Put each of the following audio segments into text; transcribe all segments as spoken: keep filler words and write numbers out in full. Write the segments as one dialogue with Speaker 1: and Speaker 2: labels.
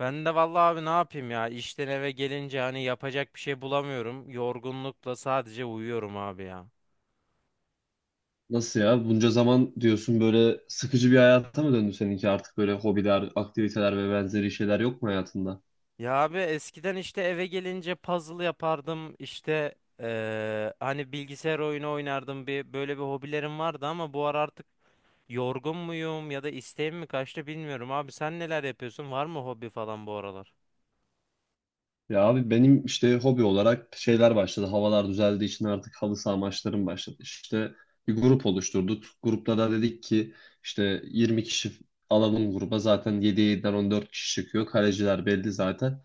Speaker 1: Ben de vallahi abi ne yapayım ya işten eve gelince hani yapacak bir şey bulamıyorum Yorgunlukla sadece uyuyorum abi ya.
Speaker 2: Nasıl ya? Bunca zaman diyorsun böyle sıkıcı bir hayata mı döndü seninki? Artık böyle hobiler, aktiviteler ve benzeri şeyler yok mu hayatında?
Speaker 1: Ya abi eskiden işte eve gelince puzzle yapardım işte eee, hani bilgisayar oyunu oynardım, bir böyle bir hobilerim vardı ama bu ara artık yorgun muyum ya da isteğim mi kaçtı bilmiyorum abi. Sen neler yapıyorsun, var mı hobi falan bu aralar?
Speaker 2: Ya abi benim işte hobi olarak şeyler başladı. Havalar düzeldiği için artık halı saha maçlarım başladı. İşte bir grup oluşturduk. Grupta da dedik ki işte yirmi kişi alalım gruba. Zaten yediye yediden on dört kişi çıkıyor. Kaleciler belli zaten.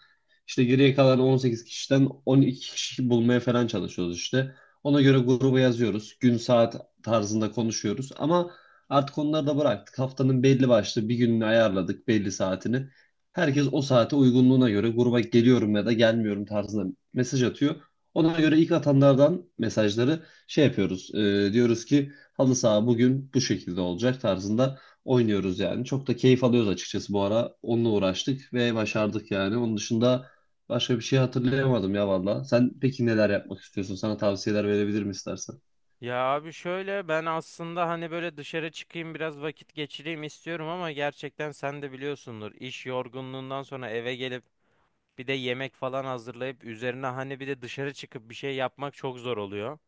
Speaker 2: İşte geriye kalan on sekiz kişiden on iki kişi bulmaya falan çalışıyoruz işte. Ona göre gruba yazıyoruz. Gün saat tarzında konuşuyoruz. Ama artık onları da bıraktık. Haftanın belli başlı bir gününü ayarladık, belli saatini. Herkes o saate uygunluğuna göre gruba geliyorum ya da gelmiyorum tarzında mesaj atıyor. Ona göre ilk atanlardan mesajları şey yapıyoruz. E, diyoruz ki halı saha bugün bu şekilde olacak tarzında oynuyoruz yani. Çok da keyif alıyoruz açıkçası bu ara. Onunla uğraştık ve başardık yani. Onun dışında başka bir şey hatırlayamadım ya valla. Sen peki neler yapmak istiyorsun? Sana tavsiyeler verebilirim istersen.
Speaker 1: Ya abi şöyle, ben aslında hani böyle dışarı çıkayım biraz vakit geçireyim istiyorum ama gerçekten sen de biliyorsundur, iş yorgunluğundan sonra eve gelip bir de yemek falan hazırlayıp üzerine hani bir de dışarı çıkıp bir şey yapmak çok zor oluyor.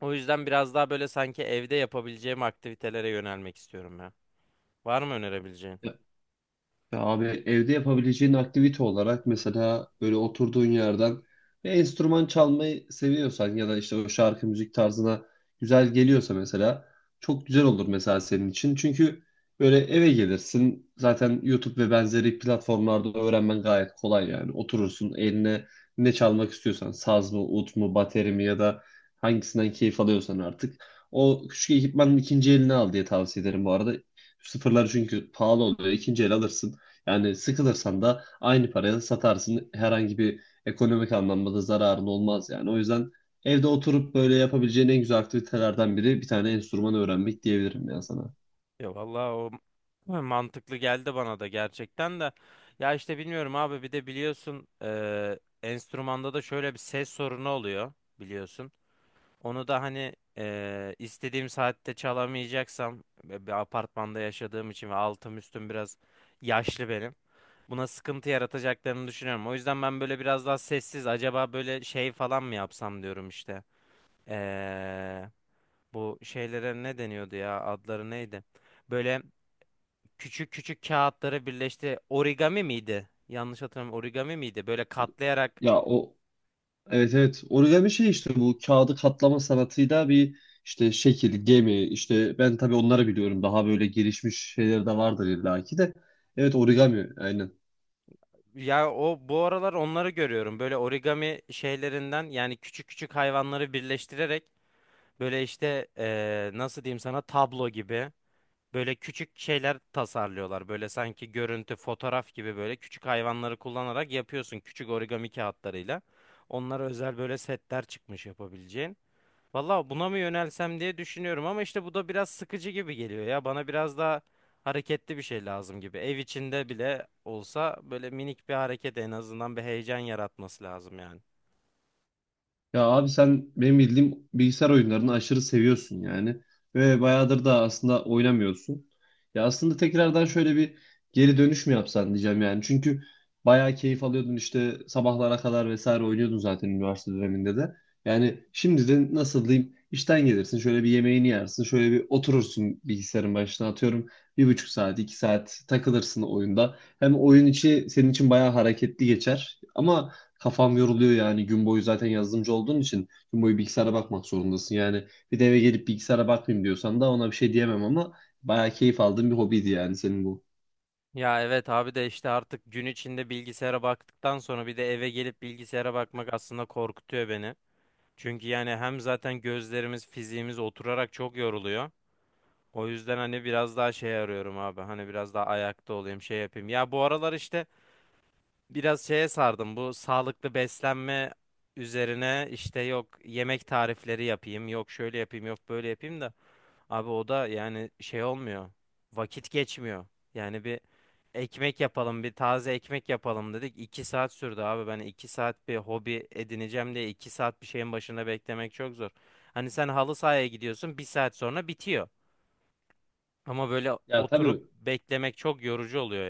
Speaker 1: O yüzden biraz daha böyle sanki evde yapabileceğim aktivitelere yönelmek istiyorum ya. Var mı önerebileceğin?
Speaker 2: Ya abi evde yapabileceğin aktivite olarak mesela böyle oturduğun yerden bir enstrüman çalmayı seviyorsan ya da işte o şarkı müzik tarzına güzel geliyorsa mesela çok güzel olur mesela senin için. Çünkü böyle eve gelirsin zaten, YouTube ve benzeri platformlarda öğrenmen gayet kolay yani. Oturursun, eline ne çalmak istiyorsan saz mı, ut mu, bateri mi, ya da hangisinden keyif alıyorsan artık. O küçük ekipmanın ikinci elini al diye tavsiye ederim bu arada. Sıfırları çünkü pahalı oluyor. İkinci el alırsın. Yani sıkılırsan da aynı paraya satarsın. Herhangi bir ekonomik anlamda da zararın olmaz yani. O yüzden evde oturup böyle yapabileceğin en güzel aktivitelerden biri bir tane enstrüman öğrenmek diyebilirim ya sana.
Speaker 1: Ya vallahi o m- mantıklı geldi bana da gerçekten de. Ya işte bilmiyorum abi, bir de biliyorsun eee enstrümanda da şöyle bir ses sorunu oluyor biliyorsun. Onu da hani eee, istediğim saatte çalamayacaksam ve bir apartmanda yaşadığım için, ve altım üstüm biraz yaşlı benim. Buna sıkıntı yaratacaklarını düşünüyorum. O yüzden ben böyle biraz daha sessiz acaba böyle şey falan mı yapsam diyorum işte. Eee, Bu şeylere ne deniyordu ya, adları neydi? Böyle küçük küçük kağıtları birleşti. Origami miydi? Yanlış hatırlamıyorum. Origami miydi? Böyle katlayarak.
Speaker 2: Ya o, evet evet, origami şey işte, bu kağıdı katlama sanatıyla bir işte şekil, gemi, işte ben tabii onları biliyorum. Daha böyle gelişmiş şeyleri de vardır illaki de. Evet, origami aynen.
Speaker 1: Ya o bu aralar onları görüyorum. Böyle origami şeylerinden, yani küçük küçük hayvanları birleştirerek böyle işte eee, nasıl diyeyim sana, tablo gibi böyle küçük şeyler tasarlıyorlar. Böyle sanki görüntü, fotoğraf gibi böyle küçük hayvanları kullanarak yapıyorsun küçük origami kağıtlarıyla. Onlara özel böyle setler çıkmış yapabileceğin. Valla buna mı yönelsem diye düşünüyorum, ama işte bu da biraz sıkıcı gibi geliyor ya. Bana biraz daha hareketli bir şey lazım gibi. Ev içinde bile olsa böyle minik bir hareket, en azından bir heyecan yaratması lazım yani.
Speaker 2: Ya abi sen benim bildiğim bilgisayar oyunlarını aşırı seviyorsun yani. Ve bayağıdır da aslında oynamıyorsun. Ya aslında tekrardan şöyle bir geri dönüş mü yapsan diyeceğim yani. Çünkü bayağı keyif alıyordun işte, sabahlara kadar vesaire oynuyordun zaten üniversite döneminde de. Yani şimdi de nasıl diyeyim, işten gelirsin, şöyle bir yemeğini yersin, şöyle bir oturursun bilgisayarın başına, atıyorum bir buçuk saat iki saat takılırsın oyunda. Hem oyun içi senin için bayağı hareketli geçer ama kafam yoruluyor yani gün boyu, zaten yazılımcı olduğun için gün boyu bilgisayara bakmak zorundasın. Yani bir de eve gelip bilgisayara bakmayayım diyorsan da ona bir şey diyemem ama bayağı keyif aldığım bir hobiydi yani senin bu.
Speaker 1: Ya evet abi, de işte artık gün içinde bilgisayara baktıktan sonra bir de eve gelip bilgisayara bakmak aslında korkutuyor beni. Çünkü yani hem zaten gözlerimiz, fiziğimiz oturarak çok yoruluyor. O yüzden hani biraz daha şey arıyorum abi. Hani biraz daha ayakta olayım, şey yapayım. Ya bu aralar işte biraz şeye sardım, bu sağlıklı beslenme üzerine işte yok yemek tarifleri yapayım, yok şöyle yapayım, yok böyle yapayım, da abi o da yani şey olmuyor, vakit geçmiyor yani. Bir ekmek yapalım, bir taze ekmek yapalım dedik, iki saat sürdü abi. Ben iki saat bir hobi edineceğim diye iki saat bir şeyin başında beklemek çok zor. Hani sen halı sahaya gidiyorsun, bir saat sonra bitiyor, ama böyle
Speaker 2: Ya
Speaker 1: oturup
Speaker 2: tabii.
Speaker 1: beklemek çok yorucu oluyor.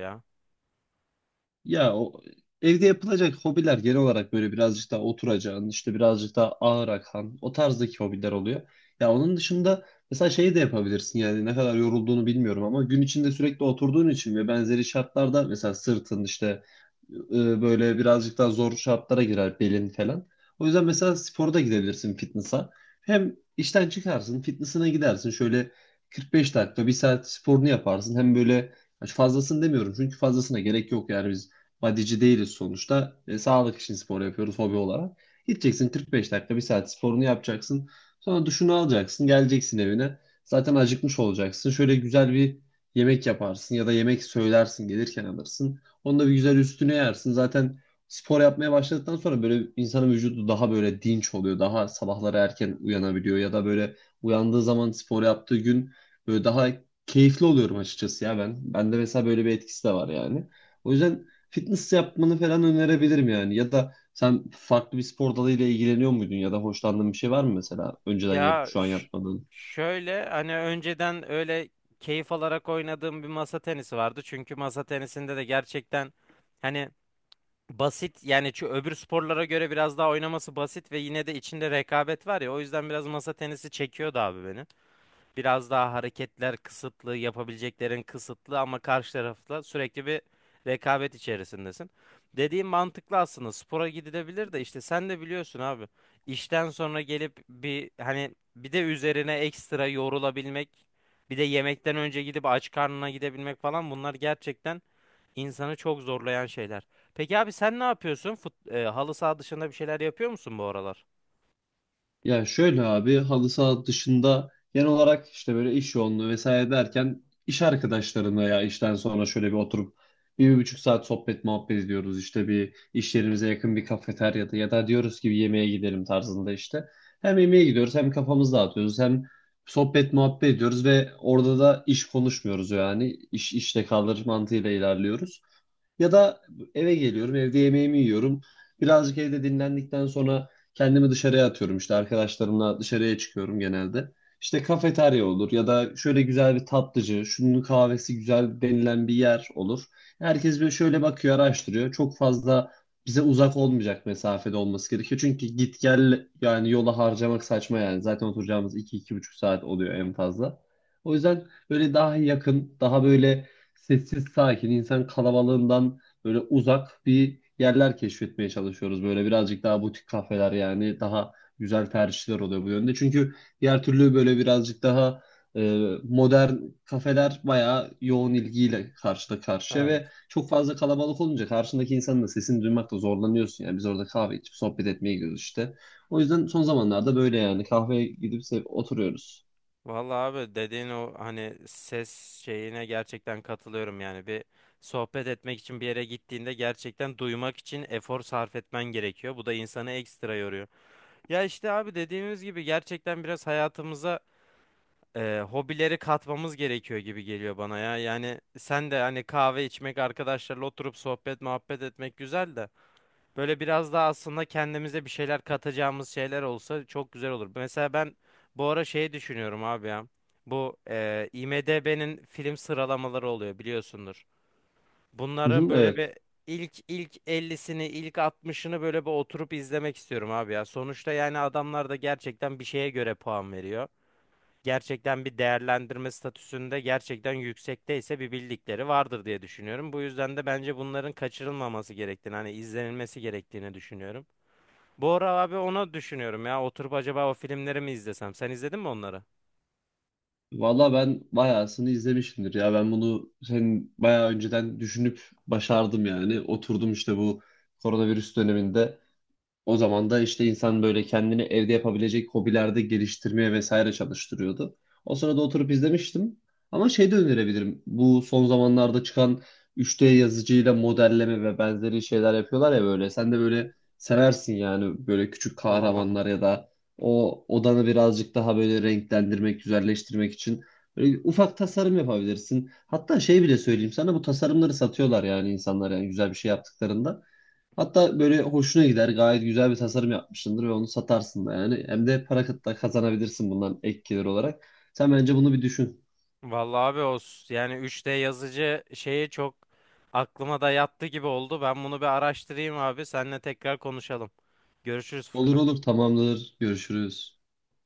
Speaker 2: Ya o, evde yapılacak hobiler genel olarak böyle birazcık daha oturacağın, işte birazcık daha ağır akan o tarzdaki hobiler oluyor. Ya onun dışında mesela şeyi de yapabilirsin yani, ne kadar yorulduğunu bilmiyorum ama gün içinde sürekli oturduğun için ve benzeri şartlarda mesela sırtın işte e, böyle birazcık daha zor şartlara girer, belin falan. O yüzden mesela spora da gidebilirsin, fitness'a. Hem işten çıkarsın, fitness'ına gidersin. Şöyle kırk beş dakika, bir saat sporunu yaparsın. Hem böyle, hani fazlasını demiyorum çünkü fazlasına gerek yok yani, biz badici değiliz sonuçta. E, sağlık için spor yapıyoruz hobi olarak. Gideceksin, kırk beş dakika, bir saat sporunu yapacaksın. Sonra duşunu alacaksın, geleceksin evine. Zaten acıkmış olacaksın. Şöyle güzel bir yemek yaparsın ya da yemek söylersin, gelirken alırsın. Onu da bir güzel üstüne yersin. Zaten spor yapmaya başladıktan sonra böyle insanın vücudu daha böyle dinç oluyor. Daha sabahları erken uyanabiliyor, ya da böyle uyandığı zaman, spor yaptığı gün böyle daha keyifli oluyorum açıkçası ya ben. Bende mesela böyle bir etkisi de var yani. O yüzden fitness yapmanı falan önerebilirim yani. Ya da sen farklı bir spor dalıyla ilgileniyor muydun ya da hoşlandığın bir şey var mı mesela, önceden yapıp
Speaker 1: Ya
Speaker 2: şu an
Speaker 1: ş-
Speaker 2: yapmadığın?
Speaker 1: şöyle hani önceden öyle keyif alarak oynadığım bir masa tenisi vardı. Çünkü masa tenisinde de gerçekten hani basit yani, şu öbür sporlara göre biraz daha oynaması basit, ve yine de içinde rekabet var ya. O yüzden biraz masa tenisi çekiyordu abi beni. Biraz daha hareketler kısıtlı, yapabileceklerin kısıtlı, ama karşı tarafla sürekli bir rekabet içerisindesin. Dediğim mantıklı, aslında spora gidilebilir de işte sen de biliyorsun abi. İşten sonra gelip bir hani bir de üzerine ekstra yorulabilmek, bir de yemekten önce gidip aç karnına gidebilmek falan, bunlar gerçekten insanı çok zorlayan şeyler. Peki abi sen ne yapıyorsun? Fut, e, halı saha dışında bir şeyler yapıyor musun bu aralar?
Speaker 2: Ya şöyle abi, halı saha dışında genel olarak işte böyle iş yoğunluğu vesaire derken iş arkadaşlarımla ya işten sonra şöyle bir oturup bir, bir buçuk saat sohbet muhabbet ediyoruz. İşte bir iş yerimize yakın bir kafeteryada, ya da diyoruz ki bir yemeğe gidelim tarzında işte. Hem yemeğe gidiyoruz, hem kafamızı dağıtıyoruz, hem sohbet muhabbet ediyoruz ve orada da iş konuşmuyoruz yani, iş işte kalır mantığıyla ilerliyoruz. Ya da eve geliyorum, evde yemeğimi yiyorum. Birazcık evde dinlendikten sonra kendimi dışarıya atıyorum. İşte arkadaşlarımla dışarıya çıkıyorum genelde. İşte kafeterya olur ya da şöyle güzel bir tatlıcı, şunun kahvesi güzel denilen bir yer olur. Herkes böyle şöyle bakıyor, araştırıyor. Çok fazla bize uzak olmayacak mesafede olması gerekiyor. Çünkü git gel yani, yola harcamak saçma yani. Zaten oturacağımız iki iki buçuk saat oluyor en fazla. O yüzden böyle daha yakın, daha böyle sessiz sakin, insan kalabalığından böyle uzak bir yerler keşfetmeye çalışıyoruz. Böyle birazcık daha butik kafeler yani, daha güzel tercihler oluyor bu yönde. Çünkü diğer türlü böyle birazcık daha e, modern kafeler bayağı yoğun ilgiyle karşıda karşıya
Speaker 1: Evet.
Speaker 2: ve çok fazla kalabalık olunca karşındaki insanın da sesini duymakta zorlanıyorsun. Yani biz orada kahve içip sohbet etmeye gidiyoruz işte. O yüzden son zamanlarda böyle yani kahveye gidip se- oturuyoruz.
Speaker 1: Vallahi abi dediğin o hani ses şeyine gerçekten katılıyorum, yani bir sohbet etmek için bir yere gittiğinde gerçekten duymak için efor sarf etmen gerekiyor. Bu da insanı ekstra yoruyor. Ya işte abi dediğimiz gibi gerçekten biraz hayatımıza e, hobileri katmamız gerekiyor gibi geliyor bana ya. Yani sen de hani kahve içmek, arkadaşlarla oturup sohbet muhabbet etmek güzel de. Böyle biraz daha aslında kendimize bir şeyler katacağımız şeyler olsa çok güzel olur. Mesela ben bu ara şey düşünüyorum abi ya. Bu e, IMDb'nin film sıralamaları oluyor, biliyorsundur.
Speaker 2: Hı
Speaker 1: Bunların
Speaker 2: hı,
Speaker 1: böyle
Speaker 2: evet.
Speaker 1: bir ilk ilk ellisini, ilk altmışını böyle bir oturup izlemek istiyorum abi ya. Sonuçta yani adamlar da gerçekten bir şeye göre puan veriyor. Gerçekten bir değerlendirme statüsünde gerçekten yüksekteyse bir bildikleri vardır diye düşünüyorum. Bu yüzden de bence bunların kaçırılmaması gerektiğini, hani izlenilmesi gerektiğini düşünüyorum. Bu ara abi onu düşünüyorum ya. Oturup acaba o filmleri mi izlesem? Sen izledin mi onları?
Speaker 2: Valla ben bayağısını izlemişimdir ya. Ben bunu senin bayağı önceden düşünüp başardım yani. Oturdum işte bu koronavirüs döneminde. O zaman da işte insan böyle kendini evde yapabilecek hobilerde geliştirmeye vesaire çalıştırıyordu. O sırada oturup izlemiştim. Ama şey de önerebilirim. Bu son zamanlarda çıkan üç D yazıcıyla modelleme ve benzeri şeyler yapıyorlar ya böyle. Sen de böyle seversin yani, böyle küçük
Speaker 1: Oha.
Speaker 2: kahramanlar ya da o odanı birazcık daha böyle renklendirmek, güzelleştirmek için böyle ufak tasarım yapabilirsin. Hatta şey bile söyleyeyim sana, bu tasarımları satıyorlar yani insanlar, yani güzel bir şey yaptıklarında. Hatta böyle hoşuna gider. Gayet güzel bir tasarım yapmışsındır ve onu satarsın da yani. Hem de para kıt- da kazanabilirsin bundan, ek gelir olarak. Sen bence bunu bir düşün.
Speaker 1: Vallahi abi o s- yani üç D yazıcı şeyi çok aklıma da yattı gibi oldu. Ben bunu bir araştırayım abi. Seninle tekrar konuşalım. Görüşürüz
Speaker 2: Olur
Speaker 1: Furkan.
Speaker 2: olur, tamamdır. Görüşürüz.